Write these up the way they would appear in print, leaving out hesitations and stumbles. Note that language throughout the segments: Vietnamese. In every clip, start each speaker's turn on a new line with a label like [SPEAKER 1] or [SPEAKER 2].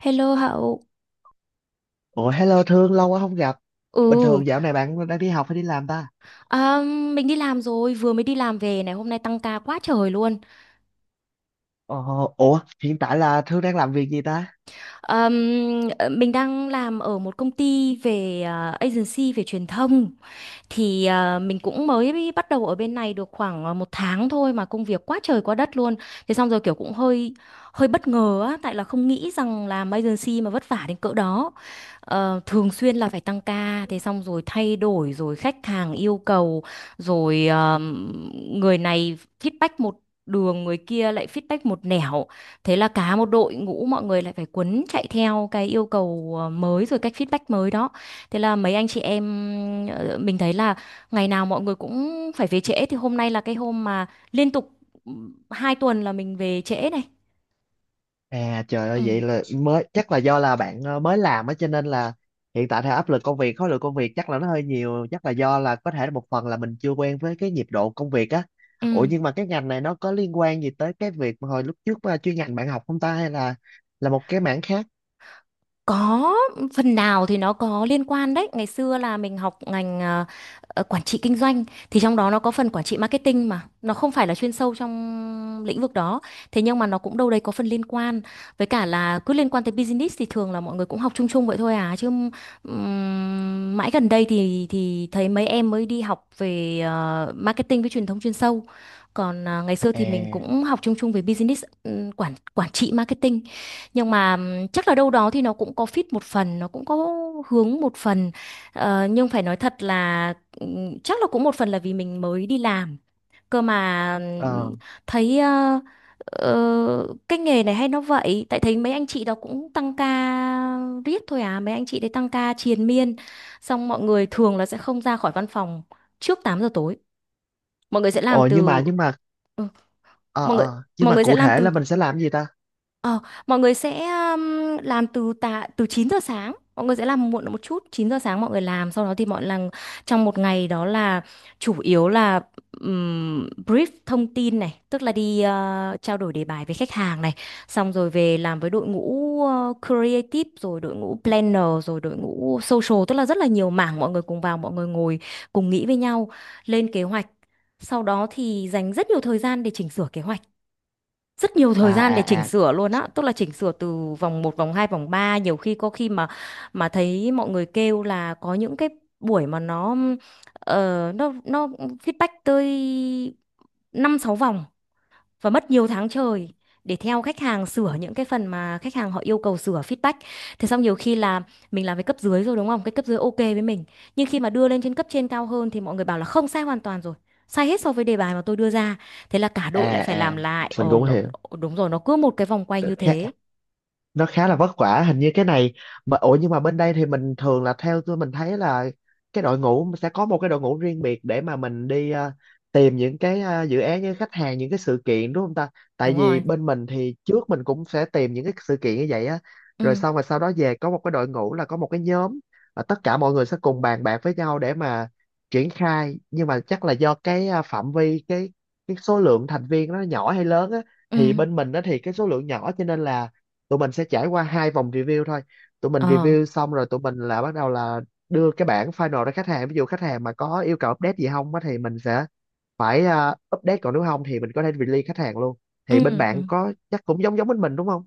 [SPEAKER 1] Hello Hậu.
[SPEAKER 2] Ủa, hello Thương, lâu quá không gặp. Bình
[SPEAKER 1] Ừ.
[SPEAKER 2] thường dạo này bạn đang đi học hay đi làm ta?
[SPEAKER 1] à, mình đi làm rồi, vừa mới đi làm về này, hôm nay tăng ca quá trời luôn.
[SPEAKER 2] Ờ. Ủa, hiện tại là Thương đang làm việc gì ta?
[SPEAKER 1] Ờm, mình đang làm ở một công ty về agency về truyền thông, thì mình cũng mới bắt đầu ở bên này được khoảng một tháng thôi mà công việc quá trời quá đất luôn. Thế xong rồi kiểu cũng hơi hơi bất ngờ á, tại là không nghĩ rằng làm agency mà vất vả đến cỡ đó. Thường xuyên là phải tăng ca, thế xong rồi thay đổi rồi khách hàng yêu cầu rồi, người này feedback một đường, người kia lại feedback một nẻo. Thế là cả một đội ngũ mọi người lại phải quấn chạy theo cái yêu cầu mới rồi cách feedback mới đó. Thế là mấy anh chị em, mình thấy là ngày nào mọi người cũng phải về trễ, thì hôm nay là cái hôm mà liên tục ừ, 2 tuần là mình về trễ này.
[SPEAKER 2] À, trời
[SPEAKER 1] Ừ.
[SPEAKER 2] ơi, vậy là mới chắc là do là bạn mới làm á, cho nên là hiện tại theo áp lực công việc, khối lượng công việc chắc là nó hơi nhiều, chắc là do là có thể là một phần là mình chưa quen với cái nhịp độ công việc á.
[SPEAKER 1] Ừ.
[SPEAKER 2] Ủa, nhưng mà cái ngành này nó có liên quan gì tới cái việc mà hồi lúc trước mà chuyên ngành bạn học không ta, hay là một cái mảng khác?
[SPEAKER 1] Có phần nào thì nó có liên quan đấy. Ngày xưa là mình học ngành, quản trị kinh doanh, thì trong đó nó có phần quản trị marketing mà nó không phải là chuyên sâu trong lĩnh vực đó. Thế nhưng mà nó cũng đâu đấy có phần liên quan. Với cả là cứ liên quan tới business thì thường là mọi người cũng học chung chung vậy thôi à chứ, mãi gần đây thì thấy mấy em mới đi học về marketing với truyền thông chuyên sâu. Còn ngày xưa thì
[SPEAKER 2] À,
[SPEAKER 1] mình cũng học chung chung về business, quản quản trị marketing, nhưng mà chắc là đâu đó thì nó cũng có fit một phần, nó cũng có hướng một phần. Nhưng phải nói thật là chắc là cũng một phần là vì mình mới đi làm, cơ mà
[SPEAKER 2] ờ.
[SPEAKER 1] thấy cái nghề này hay nó vậy, tại thấy mấy anh chị đó cũng tăng ca riết thôi à, mấy anh chị đấy tăng ca triền miên, xong mọi người thường là sẽ không ra khỏi văn phòng trước 8 giờ tối. mọi người sẽ làm
[SPEAKER 2] Ồ, nhưng
[SPEAKER 1] từ
[SPEAKER 2] mà nhưng mà ờ
[SPEAKER 1] mọi người
[SPEAKER 2] ờ nhưng
[SPEAKER 1] mọi
[SPEAKER 2] mà
[SPEAKER 1] người sẽ
[SPEAKER 2] cụ
[SPEAKER 1] làm
[SPEAKER 2] thể
[SPEAKER 1] từ
[SPEAKER 2] là mình sẽ làm gì ta?
[SPEAKER 1] Ờ, Mọi người sẽ làm từ tạ từ 9 giờ sáng. Mọi người sẽ làm muộn một chút, 9 giờ sáng mọi người làm, sau đó thì mọi lần trong một ngày đó là chủ yếu là brief thông tin này, tức là đi trao đổi đề bài với khách hàng này, xong rồi về làm với đội ngũ creative rồi đội ngũ planner rồi đội ngũ social, tức là rất là nhiều mảng mọi người cùng vào, mọi người ngồi cùng nghĩ với nhau lên kế hoạch. Sau đó thì dành rất nhiều thời gian để chỉnh sửa kế hoạch, rất nhiều thời
[SPEAKER 2] À
[SPEAKER 1] gian để chỉnh
[SPEAKER 2] à à
[SPEAKER 1] sửa luôn á, tức là chỉnh sửa từ vòng một vòng 2 vòng 3, nhiều khi có khi mà thấy mọi người kêu là có những cái buổi mà nó nó feedback tới 5 6 vòng và mất nhiều tháng trời để theo khách hàng sửa những cái phần mà khách hàng họ yêu cầu sửa feedback. Thế xong nhiều khi là mình làm với cấp dưới rồi đúng không? Cái cấp dưới ok với mình. Nhưng khi mà đưa lên trên cấp trên cao hơn thì mọi người bảo là không, sai hoàn toàn rồi. Sai hết so với đề bài mà tôi đưa ra. Thế là cả đội lại
[SPEAKER 2] à
[SPEAKER 1] phải làm
[SPEAKER 2] à,
[SPEAKER 1] lại.
[SPEAKER 2] mình
[SPEAKER 1] Ồ,
[SPEAKER 2] cũng hiểu.
[SPEAKER 1] đúng rồi, nó cứ một cái vòng quay như thế.
[SPEAKER 2] khá nó khá là vất vả hình như cái này. Mà nhưng mà bên đây thì mình thường là, theo tôi mình thấy là cái đội ngũ sẽ có một cái đội ngũ riêng biệt để mà mình đi tìm những cái dự án, những khách hàng, những cái sự kiện, đúng không ta? Tại
[SPEAKER 1] Đúng
[SPEAKER 2] vì
[SPEAKER 1] rồi.
[SPEAKER 2] bên mình thì trước mình cũng sẽ tìm những cái sự kiện như vậy á, rồi
[SPEAKER 1] Ừ.
[SPEAKER 2] xong rồi sau đó về có một cái đội ngũ là có một cái nhóm, và tất cả mọi người sẽ cùng bàn bạc với nhau để mà triển khai. Nhưng mà chắc là do cái phạm vi cái số lượng thành viên nó nhỏ hay lớn á, thì
[SPEAKER 1] Ừ.
[SPEAKER 2] bên mình đó thì cái số lượng nhỏ, cho nên là tụi mình sẽ trải qua hai vòng review thôi. Tụi mình
[SPEAKER 1] Ờ.
[SPEAKER 2] review xong rồi tụi mình là bắt đầu là đưa cái bản final ra khách hàng, ví dụ khách hàng mà có yêu cầu update gì không á thì mình sẽ phải update, còn nếu không thì mình có thể release khách hàng luôn. Thì bên
[SPEAKER 1] Ừ. Ừ.
[SPEAKER 2] bạn có chắc cũng giống giống bên mình đúng không?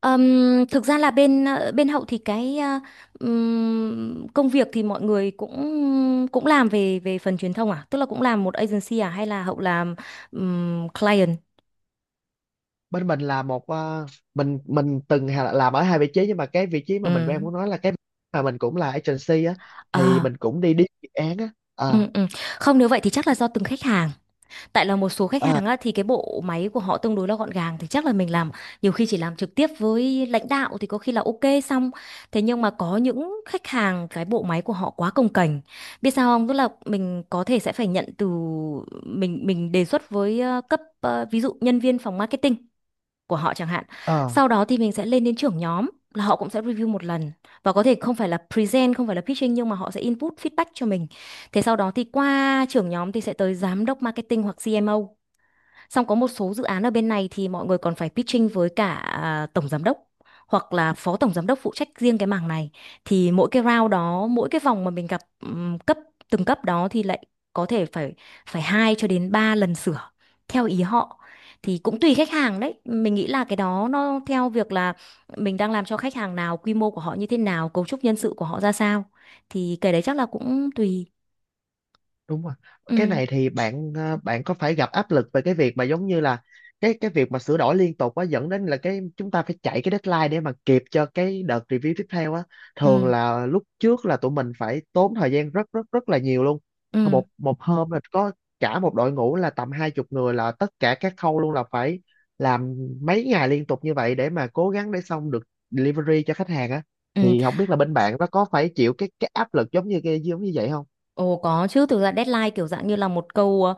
[SPEAKER 1] Thực ra là bên bên Hậu thì cái công việc thì mọi người cũng cũng làm về về phần truyền thông à, tức là cũng làm một agency à, hay là Hậu làm client.
[SPEAKER 2] Bên mình là một ờ, mình từng làm ở hai vị trí, nhưng mà cái vị trí mà mình đang
[SPEAKER 1] Ừm.
[SPEAKER 2] muốn nói là cái mà mình cũng là agency á, thì
[SPEAKER 1] Ờ,
[SPEAKER 2] mình cũng đi đi dự án á.
[SPEAKER 1] ừ,
[SPEAKER 2] Ờ.
[SPEAKER 1] ừ. Không, nếu vậy thì chắc là do từng khách hàng. Tại là một số khách
[SPEAKER 2] Ờ.
[SPEAKER 1] hàng á, thì cái bộ máy của họ tương đối là gọn gàng thì chắc là mình làm nhiều khi chỉ làm trực tiếp với lãnh đạo thì có khi là ok xong. Thế nhưng mà có những khách hàng cái bộ máy của họ quá cồng kềnh, biết sao không, tức là mình có thể sẽ phải nhận từ, mình đề xuất với cấp, ví dụ nhân viên phòng marketing của họ chẳng hạn.
[SPEAKER 2] Ờ,
[SPEAKER 1] Sau đó thì mình sẽ lên đến trưởng nhóm là họ cũng sẽ review một lần, và có thể không phải là present, không phải là pitching nhưng mà họ sẽ input feedback cho mình. Thế sau đó thì qua trưởng nhóm thì sẽ tới giám đốc marketing hoặc CMO. Xong có một số dự án ở bên này thì mọi người còn phải pitching với cả tổng giám đốc hoặc là phó tổng giám đốc phụ trách riêng cái mảng này. Thì mỗi cái round đó, mỗi cái vòng mà mình gặp từng cấp đó thì lại có thể phải, 2 cho đến 3 lần sửa theo ý họ. Thì cũng tùy khách hàng đấy. Mình nghĩ là cái đó nó theo việc là mình đang làm cho khách hàng nào, quy mô của họ như thế nào, cấu trúc nhân sự của họ ra sao. Thì cái đấy chắc là cũng tùy.
[SPEAKER 2] đúng rồi. Cái
[SPEAKER 1] Ừ,
[SPEAKER 2] này thì bạn ờ, bạn có phải gặp áp lực về cái việc mà giống như là cái việc mà sửa đổi liên tục á dẫn đến là cái chúng ta phải chạy cái deadline để mà kịp cho cái đợt review tiếp theo á thường
[SPEAKER 1] ừ,
[SPEAKER 2] là lúc trước là tụi mình phải tốn thời gian rất rất rất là nhiều luôn
[SPEAKER 1] ừ,
[SPEAKER 2] một một hôm là có cả một đội ngũ là tầm hai chục người là tất cả các khâu luôn là phải làm mấy ngày liên tục như vậy để mà cố gắng để xong được delivery cho khách hàng á
[SPEAKER 1] ừ.
[SPEAKER 2] thì không biết là bên bạn nó có phải chịu cái áp lực giống như cái giống như vậy không
[SPEAKER 1] Ồ có chứ, thực ra deadline kiểu dạng như là một câu, ờ,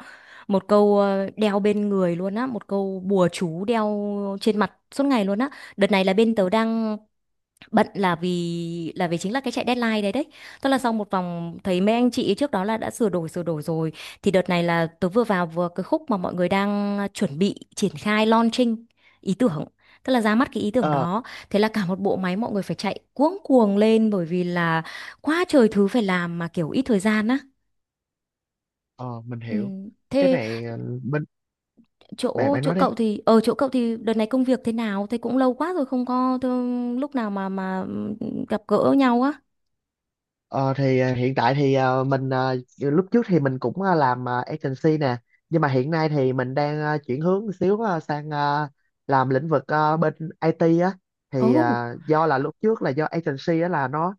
[SPEAKER 1] một câu ờ, đeo bên người luôn á, một câu bùa chú đeo trên mặt suốt ngày luôn á. Đợt này là bên tớ đang bận là vì chính là cái chạy deadline đấy đấy. Tức là sau một vòng thấy mấy anh chị trước đó là đã sửa đổi rồi, thì đợt này là tớ vừa vào vừa cái khúc mà mọi người đang chuẩn bị triển khai launching ý tưởng. Tức là ra mắt cái ý tưởng
[SPEAKER 2] Ờ
[SPEAKER 1] đó. Thế là cả một bộ máy mọi người phải chạy cuống cuồng lên. Bởi vì là quá trời thứ phải làm, mà kiểu ít thời gian á.
[SPEAKER 2] Ờ, mình
[SPEAKER 1] Ừ.
[SPEAKER 2] hiểu. Cái
[SPEAKER 1] Thế
[SPEAKER 2] này ờ, bên bạn,
[SPEAKER 1] chỗ
[SPEAKER 2] bạn
[SPEAKER 1] chỗ
[SPEAKER 2] nói đi.
[SPEAKER 1] cậu thì ở chỗ cậu thì đợt này công việc thế nào? Thế cũng lâu quá rồi không có thương, lúc nào mà gặp gỡ nhau á.
[SPEAKER 2] Ờ thì hiện tại thì mình lúc trước thì mình cũng làm agency nè, nhưng mà hiện nay thì mình đang chuyển hướng một xíu sang làm lĩnh vực bên IT á. Thì
[SPEAKER 1] Ồ.
[SPEAKER 2] do là lúc trước là do agency á là nó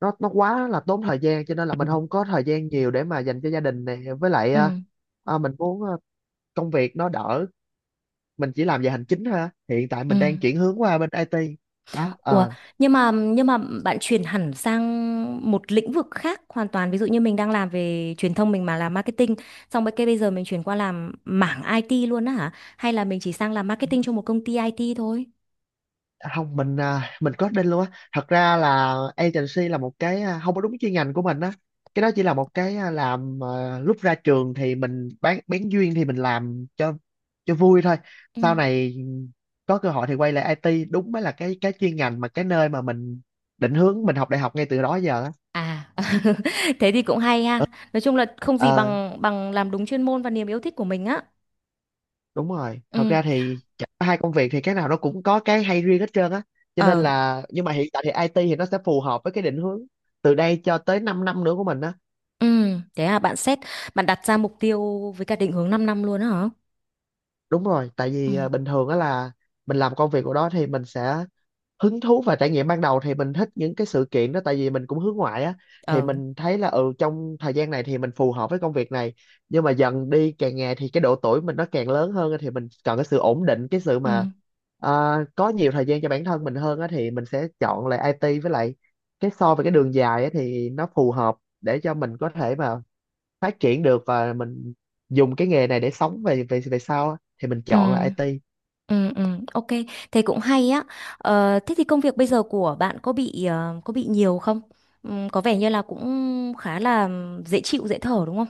[SPEAKER 2] nó nó quá là tốn thời gian, cho nên là mình không có thời gian nhiều để mà dành cho gia đình này, với lại
[SPEAKER 1] Ừ.
[SPEAKER 2] mình muốn công việc nó đỡ, mình chỉ làm về hành chính thôi á. Hiện tại
[SPEAKER 1] Ừ.
[SPEAKER 2] mình đang chuyển hướng qua bên IT. Đó.
[SPEAKER 1] Ủa,
[SPEAKER 2] Ờ.
[SPEAKER 1] nhưng mà bạn chuyển hẳn sang một lĩnh vực khác hoàn toàn. Ví dụ như mình đang làm về truyền thông, mình mà làm marketing, xong bây giờ mình chuyển qua làm mảng IT luôn á hả? Hay là mình chỉ sang làm marketing cho một công ty IT thôi?
[SPEAKER 2] À, không, mình coding luôn á. Thật ra là agency là một cái không có đúng chuyên ngành của mình á, cái đó chỉ là một cái làm lúc ra trường thì mình bán duyên thì mình làm cho vui thôi.
[SPEAKER 1] Ừ.
[SPEAKER 2] Sau này có cơ hội thì quay lại IT đúng mới là cái chuyên ngành mà cái nơi mà mình định hướng mình học đại học ngay từ đó giờ á.
[SPEAKER 1] À, thế thì cũng hay ha. Nói chung là không gì
[SPEAKER 2] Ờ,
[SPEAKER 1] bằng bằng làm đúng chuyên môn và niềm yêu thích của mình á.
[SPEAKER 2] đúng rồi, thật
[SPEAKER 1] Ừ,
[SPEAKER 2] ra thì hai công việc thì cái nào nó cũng có cái hay riêng hết trơn á, cho nên
[SPEAKER 1] ờ,
[SPEAKER 2] là nhưng mà hiện tại thì IT thì nó sẽ phù hợp với cái định hướng từ đây cho tới 5 năm nữa của mình á.
[SPEAKER 1] ừ, thế bạn đặt ra mục tiêu với cả định hướng 5 năm luôn á hả?
[SPEAKER 2] Đúng rồi, tại
[SPEAKER 1] Ừ,
[SPEAKER 2] vì bình thường á là mình làm công việc của đó thì mình sẽ hứng thú, và trải nghiệm ban đầu thì mình thích những cái sự kiện đó tại vì mình cũng hướng ngoại á, thì
[SPEAKER 1] ờ,
[SPEAKER 2] mình thấy là ừ trong thời gian này thì mình phù hợp với công việc này. Nhưng mà dần đi càng ngày thì cái độ tuổi mình nó càng lớn hơn á, thì mình cần cái sự ổn định, cái sự
[SPEAKER 1] ừ,
[SPEAKER 2] mà à, có nhiều thời gian cho bản thân mình hơn á, thì mình sẽ chọn lại IT. Với lại cái so với cái đường dài á thì nó phù hợp để cho mình có thể mà phát triển được, và mình dùng cái nghề này để sống về về về sau á, thì mình
[SPEAKER 1] ừ,
[SPEAKER 2] chọn là IT.
[SPEAKER 1] ừ, ừ, ok, thế cũng hay á. Ờ, thế thì công việc bây giờ của bạn có bị nhiều không? Ừ, có vẻ như là cũng khá là dễ chịu, dễ thở đúng không?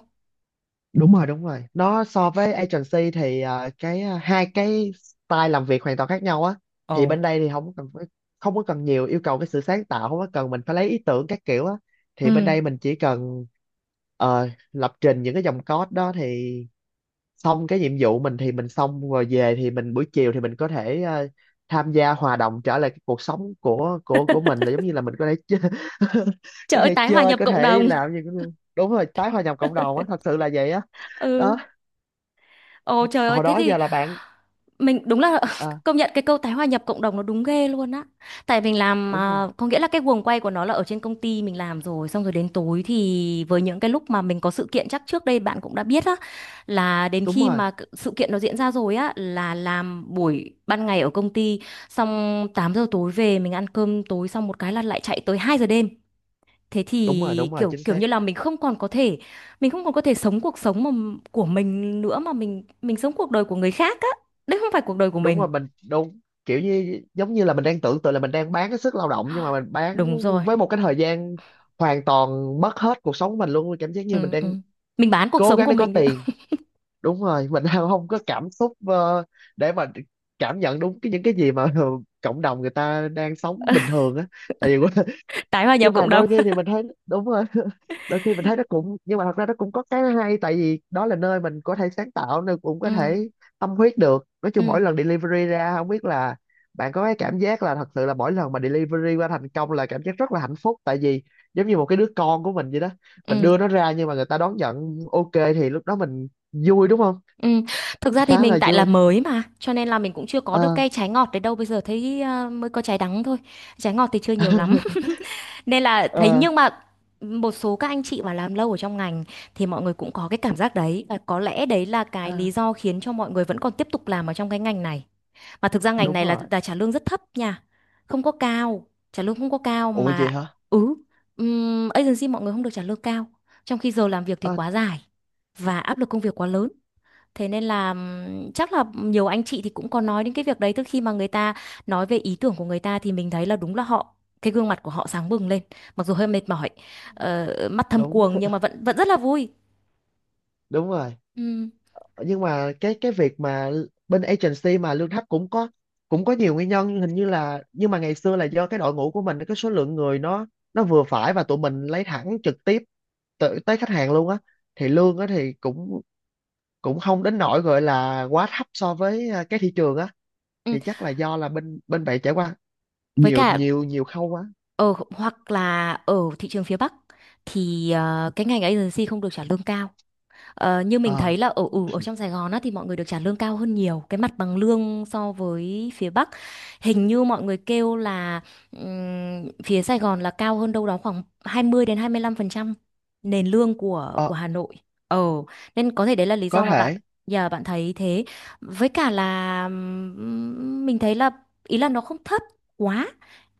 [SPEAKER 2] Đúng rồi nó so với agency thì cái hai cái style làm việc hoàn toàn khác nhau á. Thì
[SPEAKER 1] Ồ.
[SPEAKER 2] bên đây thì không có cần nhiều yêu cầu cái sự sáng tạo, không có cần mình phải lấy ý tưởng các kiểu á,
[SPEAKER 1] Ừ,
[SPEAKER 2] thì bên đây mình chỉ cần lập trình những cái dòng code đó thì xong. Cái nhiệm vụ mình thì mình xong rồi về thì mình buổi chiều thì mình có thể tham gia hòa đồng trở lại cái cuộc sống của mình, là giống như là mình có thể chơi,
[SPEAKER 1] trời
[SPEAKER 2] có
[SPEAKER 1] ơi,
[SPEAKER 2] thể
[SPEAKER 1] tái hòa
[SPEAKER 2] chơi,
[SPEAKER 1] nhập
[SPEAKER 2] có
[SPEAKER 1] cộng
[SPEAKER 2] thể
[SPEAKER 1] đồng.
[SPEAKER 2] làm gì cũng được. Đúng rồi, tái hòa nhập cộng đồng á, thật sự là vậy á. Đó.
[SPEAKER 1] Ừ. Ồ trời ơi,
[SPEAKER 2] Hồi
[SPEAKER 1] thế
[SPEAKER 2] đó
[SPEAKER 1] thì
[SPEAKER 2] giờ là bạn
[SPEAKER 1] mình đúng là
[SPEAKER 2] à,
[SPEAKER 1] công nhận cái câu tái hòa nhập cộng đồng nó đúng ghê luôn á. Tại mình làm,
[SPEAKER 2] đúng rồi,
[SPEAKER 1] có nghĩa là cái guồng quay của nó là ở trên công ty mình làm rồi, xong rồi đến tối thì với những cái lúc mà mình có sự kiện chắc trước đây bạn cũng đã biết á, là đến
[SPEAKER 2] đúng
[SPEAKER 1] khi
[SPEAKER 2] rồi
[SPEAKER 1] mà sự kiện nó diễn ra rồi á là làm buổi ban ngày ở công ty, xong 8 giờ tối về mình ăn cơm tối xong một cái là lại chạy tới 2 giờ đêm, thế thì kiểu
[SPEAKER 2] chính
[SPEAKER 1] kiểu
[SPEAKER 2] xác.
[SPEAKER 1] như là mình không còn có thể, mình không còn có thể sống cuộc sống mà của mình nữa, mà mình sống cuộc đời của người khác á, đấy không phải cuộc đời của
[SPEAKER 2] Đúng
[SPEAKER 1] mình.
[SPEAKER 2] rồi, mình đúng kiểu như giống như là mình đang tưởng tượng là mình đang bán cái sức lao động, nhưng mà mình bán
[SPEAKER 1] Đúng rồi.
[SPEAKER 2] với một cái thời gian hoàn toàn mất hết cuộc sống mình luôn, cảm giác như mình
[SPEAKER 1] Ừ, ừ.
[SPEAKER 2] đang
[SPEAKER 1] Mình bán cuộc
[SPEAKER 2] cố
[SPEAKER 1] sống
[SPEAKER 2] gắng
[SPEAKER 1] của
[SPEAKER 2] để có
[SPEAKER 1] mình đấy.
[SPEAKER 2] tiền. Đúng rồi, mình đang không có cảm xúc để mà cảm nhận đúng cái những cái gì mà cộng đồng người ta đang sống bình thường á. Tại vì
[SPEAKER 1] Tái hòa
[SPEAKER 2] nhưng
[SPEAKER 1] nhập
[SPEAKER 2] mà
[SPEAKER 1] cộng đồng.
[SPEAKER 2] đôi khi thì mình thấy đúng rồi, đôi khi mình thấy nó cũng nhưng mà thật ra nó cũng có cái hay, tại vì đó là nơi mình có thể sáng tạo nên, cũng có
[SPEAKER 1] Ừ,
[SPEAKER 2] thể tâm huyết được. Nói chung mỗi
[SPEAKER 1] ừ,
[SPEAKER 2] lần delivery ra không biết là bạn có cái cảm giác, là thật sự là mỗi lần mà delivery qua thành công là cảm giác rất là hạnh phúc, tại vì giống như một cái đứa con của mình vậy đó, mình
[SPEAKER 1] ừ,
[SPEAKER 2] đưa nó ra nhưng mà người ta đón nhận ok, thì lúc đó mình vui đúng không?
[SPEAKER 1] ừ. Thực ra thì
[SPEAKER 2] Khá
[SPEAKER 1] mình
[SPEAKER 2] là
[SPEAKER 1] tại là
[SPEAKER 2] vui.
[SPEAKER 1] mới mà cho nên là mình cũng chưa có được
[SPEAKER 2] Ờ.
[SPEAKER 1] cây trái ngọt đấy đâu, bây giờ thấy mới có trái đắng thôi, trái ngọt thì chưa nhiều lắm, nên là thấy.
[SPEAKER 2] Ờ.
[SPEAKER 1] Nhưng mà một số các anh chị mà làm lâu ở trong ngành thì mọi người cũng có cái cảm giác đấy, và có lẽ đấy là cái
[SPEAKER 2] Ờ,
[SPEAKER 1] lý do khiến cho mọi người vẫn còn tiếp tục làm ở trong cái ngành này. Mà thực ra ngành
[SPEAKER 2] đúng
[SPEAKER 1] này là
[SPEAKER 2] rồi.
[SPEAKER 1] là trả lương rất thấp nha, không có cao, trả lương không có cao
[SPEAKER 2] Ủa vậy
[SPEAKER 1] mà.
[SPEAKER 2] hả?
[SPEAKER 1] Ừ. Agency mọi người không được trả lương cao, trong khi giờ làm việc thì
[SPEAKER 2] Ờ,
[SPEAKER 1] quá dài và áp lực công việc quá lớn. Thế nên là chắc là nhiều anh chị thì cũng có nói đến cái việc đấy. Tức khi mà người ta nói về ý tưởng của người ta thì mình thấy là đúng là cái gương mặt của họ sáng bừng lên, mặc dù hơi mệt mỏi, mắt thâm
[SPEAKER 2] đúng.
[SPEAKER 1] quầng nhưng mà vẫn vẫn rất là vui.
[SPEAKER 2] Đúng rồi,
[SPEAKER 1] Ừm,
[SPEAKER 2] nhưng mà cái việc mà bên agency mà lương thấp cũng có, cũng có nhiều nguyên nhân hình như là. Nhưng mà ngày xưa là do cái đội ngũ của mình cái số lượng người nó vừa phải, và tụi mình lấy thẳng trực tiếp tới, tới khách hàng luôn á, thì lương á thì cũng cũng không đến nỗi gọi là quá thấp so với cái thị trường á.
[SPEAKER 1] ừm.
[SPEAKER 2] Thì chắc là do là bên bên bạn trải qua
[SPEAKER 1] Với
[SPEAKER 2] nhiều
[SPEAKER 1] cả
[SPEAKER 2] nhiều nhiều khâu quá.
[SPEAKER 1] hoặc là ở thị trường phía Bắc thì cái ngành agency không được trả lương cao. Ờ, như mình
[SPEAKER 2] Ờ.
[SPEAKER 1] thấy là ở trong Sài Gòn á, thì mọi người được trả lương cao hơn nhiều cái mặt bằng lương so với phía Bắc, hình như mọi người kêu là phía Sài Gòn là cao hơn đâu đó khoảng 20 đến 25% nền lương của
[SPEAKER 2] Ờ,
[SPEAKER 1] của Hà Nội. Ờ. Nên có thể đấy là lý
[SPEAKER 2] có
[SPEAKER 1] do mà
[SPEAKER 2] thể.
[SPEAKER 1] giờ bạn thấy thế. Với cả là mình thấy là ý là nó không thấp quá,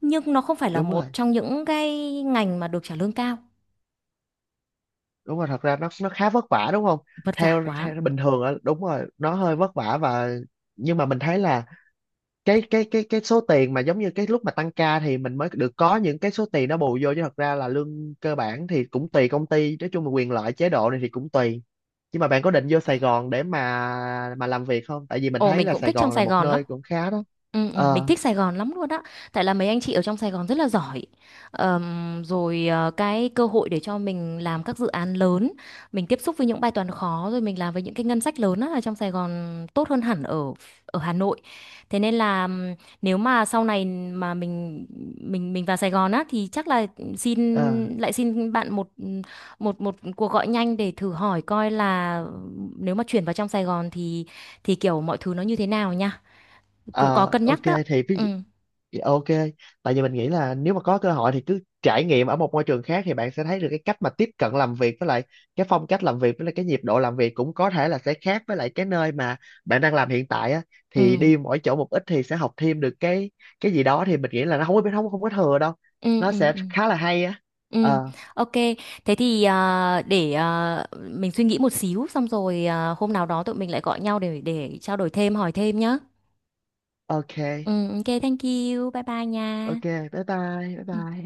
[SPEAKER 1] nhưng nó không phải là
[SPEAKER 2] Đúng
[SPEAKER 1] một
[SPEAKER 2] rồi,
[SPEAKER 1] trong những cái ngành mà được trả lương cao.
[SPEAKER 2] đúng rồi, thật ra nó khá vất vả đúng không?
[SPEAKER 1] Vất vả
[SPEAKER 2] Theo,
[SPEAKER 1] quá.
[SPEAKER 2] theo bình thường á, đúng rồi, nó hơi vất vả. Và nhưng mà mình thấy là cái số tiền mà giống như cái lúc mà tăng ca thì mình mới được có những cái số tiền nó bù vô, chứ thật ra là lương cơ bản thì cũng tùy công ty, nói chung là quyền lợi chế độ này thì cũng tùy. Nhưng mà bạn có định vô Sài Gòn để mà làm việc không, tại vì mình
[SPEAKER 1] Ồ
[SPEAKER 2] thấy
[SPEAKER 1] mình
[SPEAKER 2] là
[SPEAKER 1] cũng
[SPEAKER 2] Sài
[SPEAKER 1] thích trong
[SPEAKER 2] Gòn là
[SPEAKER 1] Sài
[SPEAKER 2] một
[SPEAKER 1] Gòn lắm.
[SPEAKER 2] nơi cũng khá đó.
[SPEAKER 1] Ừ, ừ, mình
[SPEAKER 2] Ờ.
[SPEAKER 1] thích Sài Gòn lắm luôn á. Tại là mấy anh chị ở trong Sài Gòn rất là giỏi. Rồi cái cơ hội để cho mình làm các dự án lớn, mình tiếp xúc với những bài toán khó rồi mình làm với những cái ngân sách lớn á, ở trong Sài Gòn tốt hơn hẳn ở ở Hà Nội. Thế nên là nếu mà sau này mà mình vào Sài Gòn á thì chắc là xin
[SPEAKER 2] Ờ.
[SPEAKER 1] lại xin bạn một một một cuộc gọi nhanh để thử hỏi coi là nếu mà chuyển vào trong Sài Gòn thì kiểu mọi thứ nó như thế nào nha. Cũng có
[SPEAKER 2] Ờ,
[SPEAKER 1] cân
[SPEAKER 2] ok,
[SPEAKER 1] nhắc đó.
[SPEAKER 2] thì ví.
[SPEAKER 1] Ừ
[SPEAKER 2] Dạ, ok, tại vì mình nghĩ là nếu mà có cơ hội thì cứ trải nghiệm ở một môi trường khác, thì bạn sẽ thấy được cái cách mà tiếp cận làm việc, với lại cái phong cách làm việc, với lại cái nhịp độ làm việc cũng có thể là sẽ khác với lại cái nơi mà bạn đang làm hiện tại á.
[SPEAKER 1] ừ
[SPEAKER 2] Thì đi mỗi chỗ một ít thì sẽ học thêm được cái gì đó, thì mình nghĩ là nó không có không không có thừa đâu,
[SPEAKER 1] ừ
[SPEAKER 2] nó
[SPEAKER 1] ừ.
[SPEAKER 2] sẽ
[SPEAKER 1] Ừ.
[SPEAKER 2] khá là hay á.
[SPEAKER 1] Ừ,
[SPEAKER 2] Ờ.
[SPEAKER 1] ok. Thế thì để mình suy nghĩ một xíu xong rồi hôm nào đó tụi mình lại gọi nhau để trao đổi thêm, hỏi thêm nhá.
[SPEAKER 2] Ok.
[SPEAKER 1] Ừ, ok, thank you. Bye bye nha.
[SPEAKER 2] Ok, bye bye. Bye
[SPEAKER 1] Ừ.
[SPEAKER 2] bye.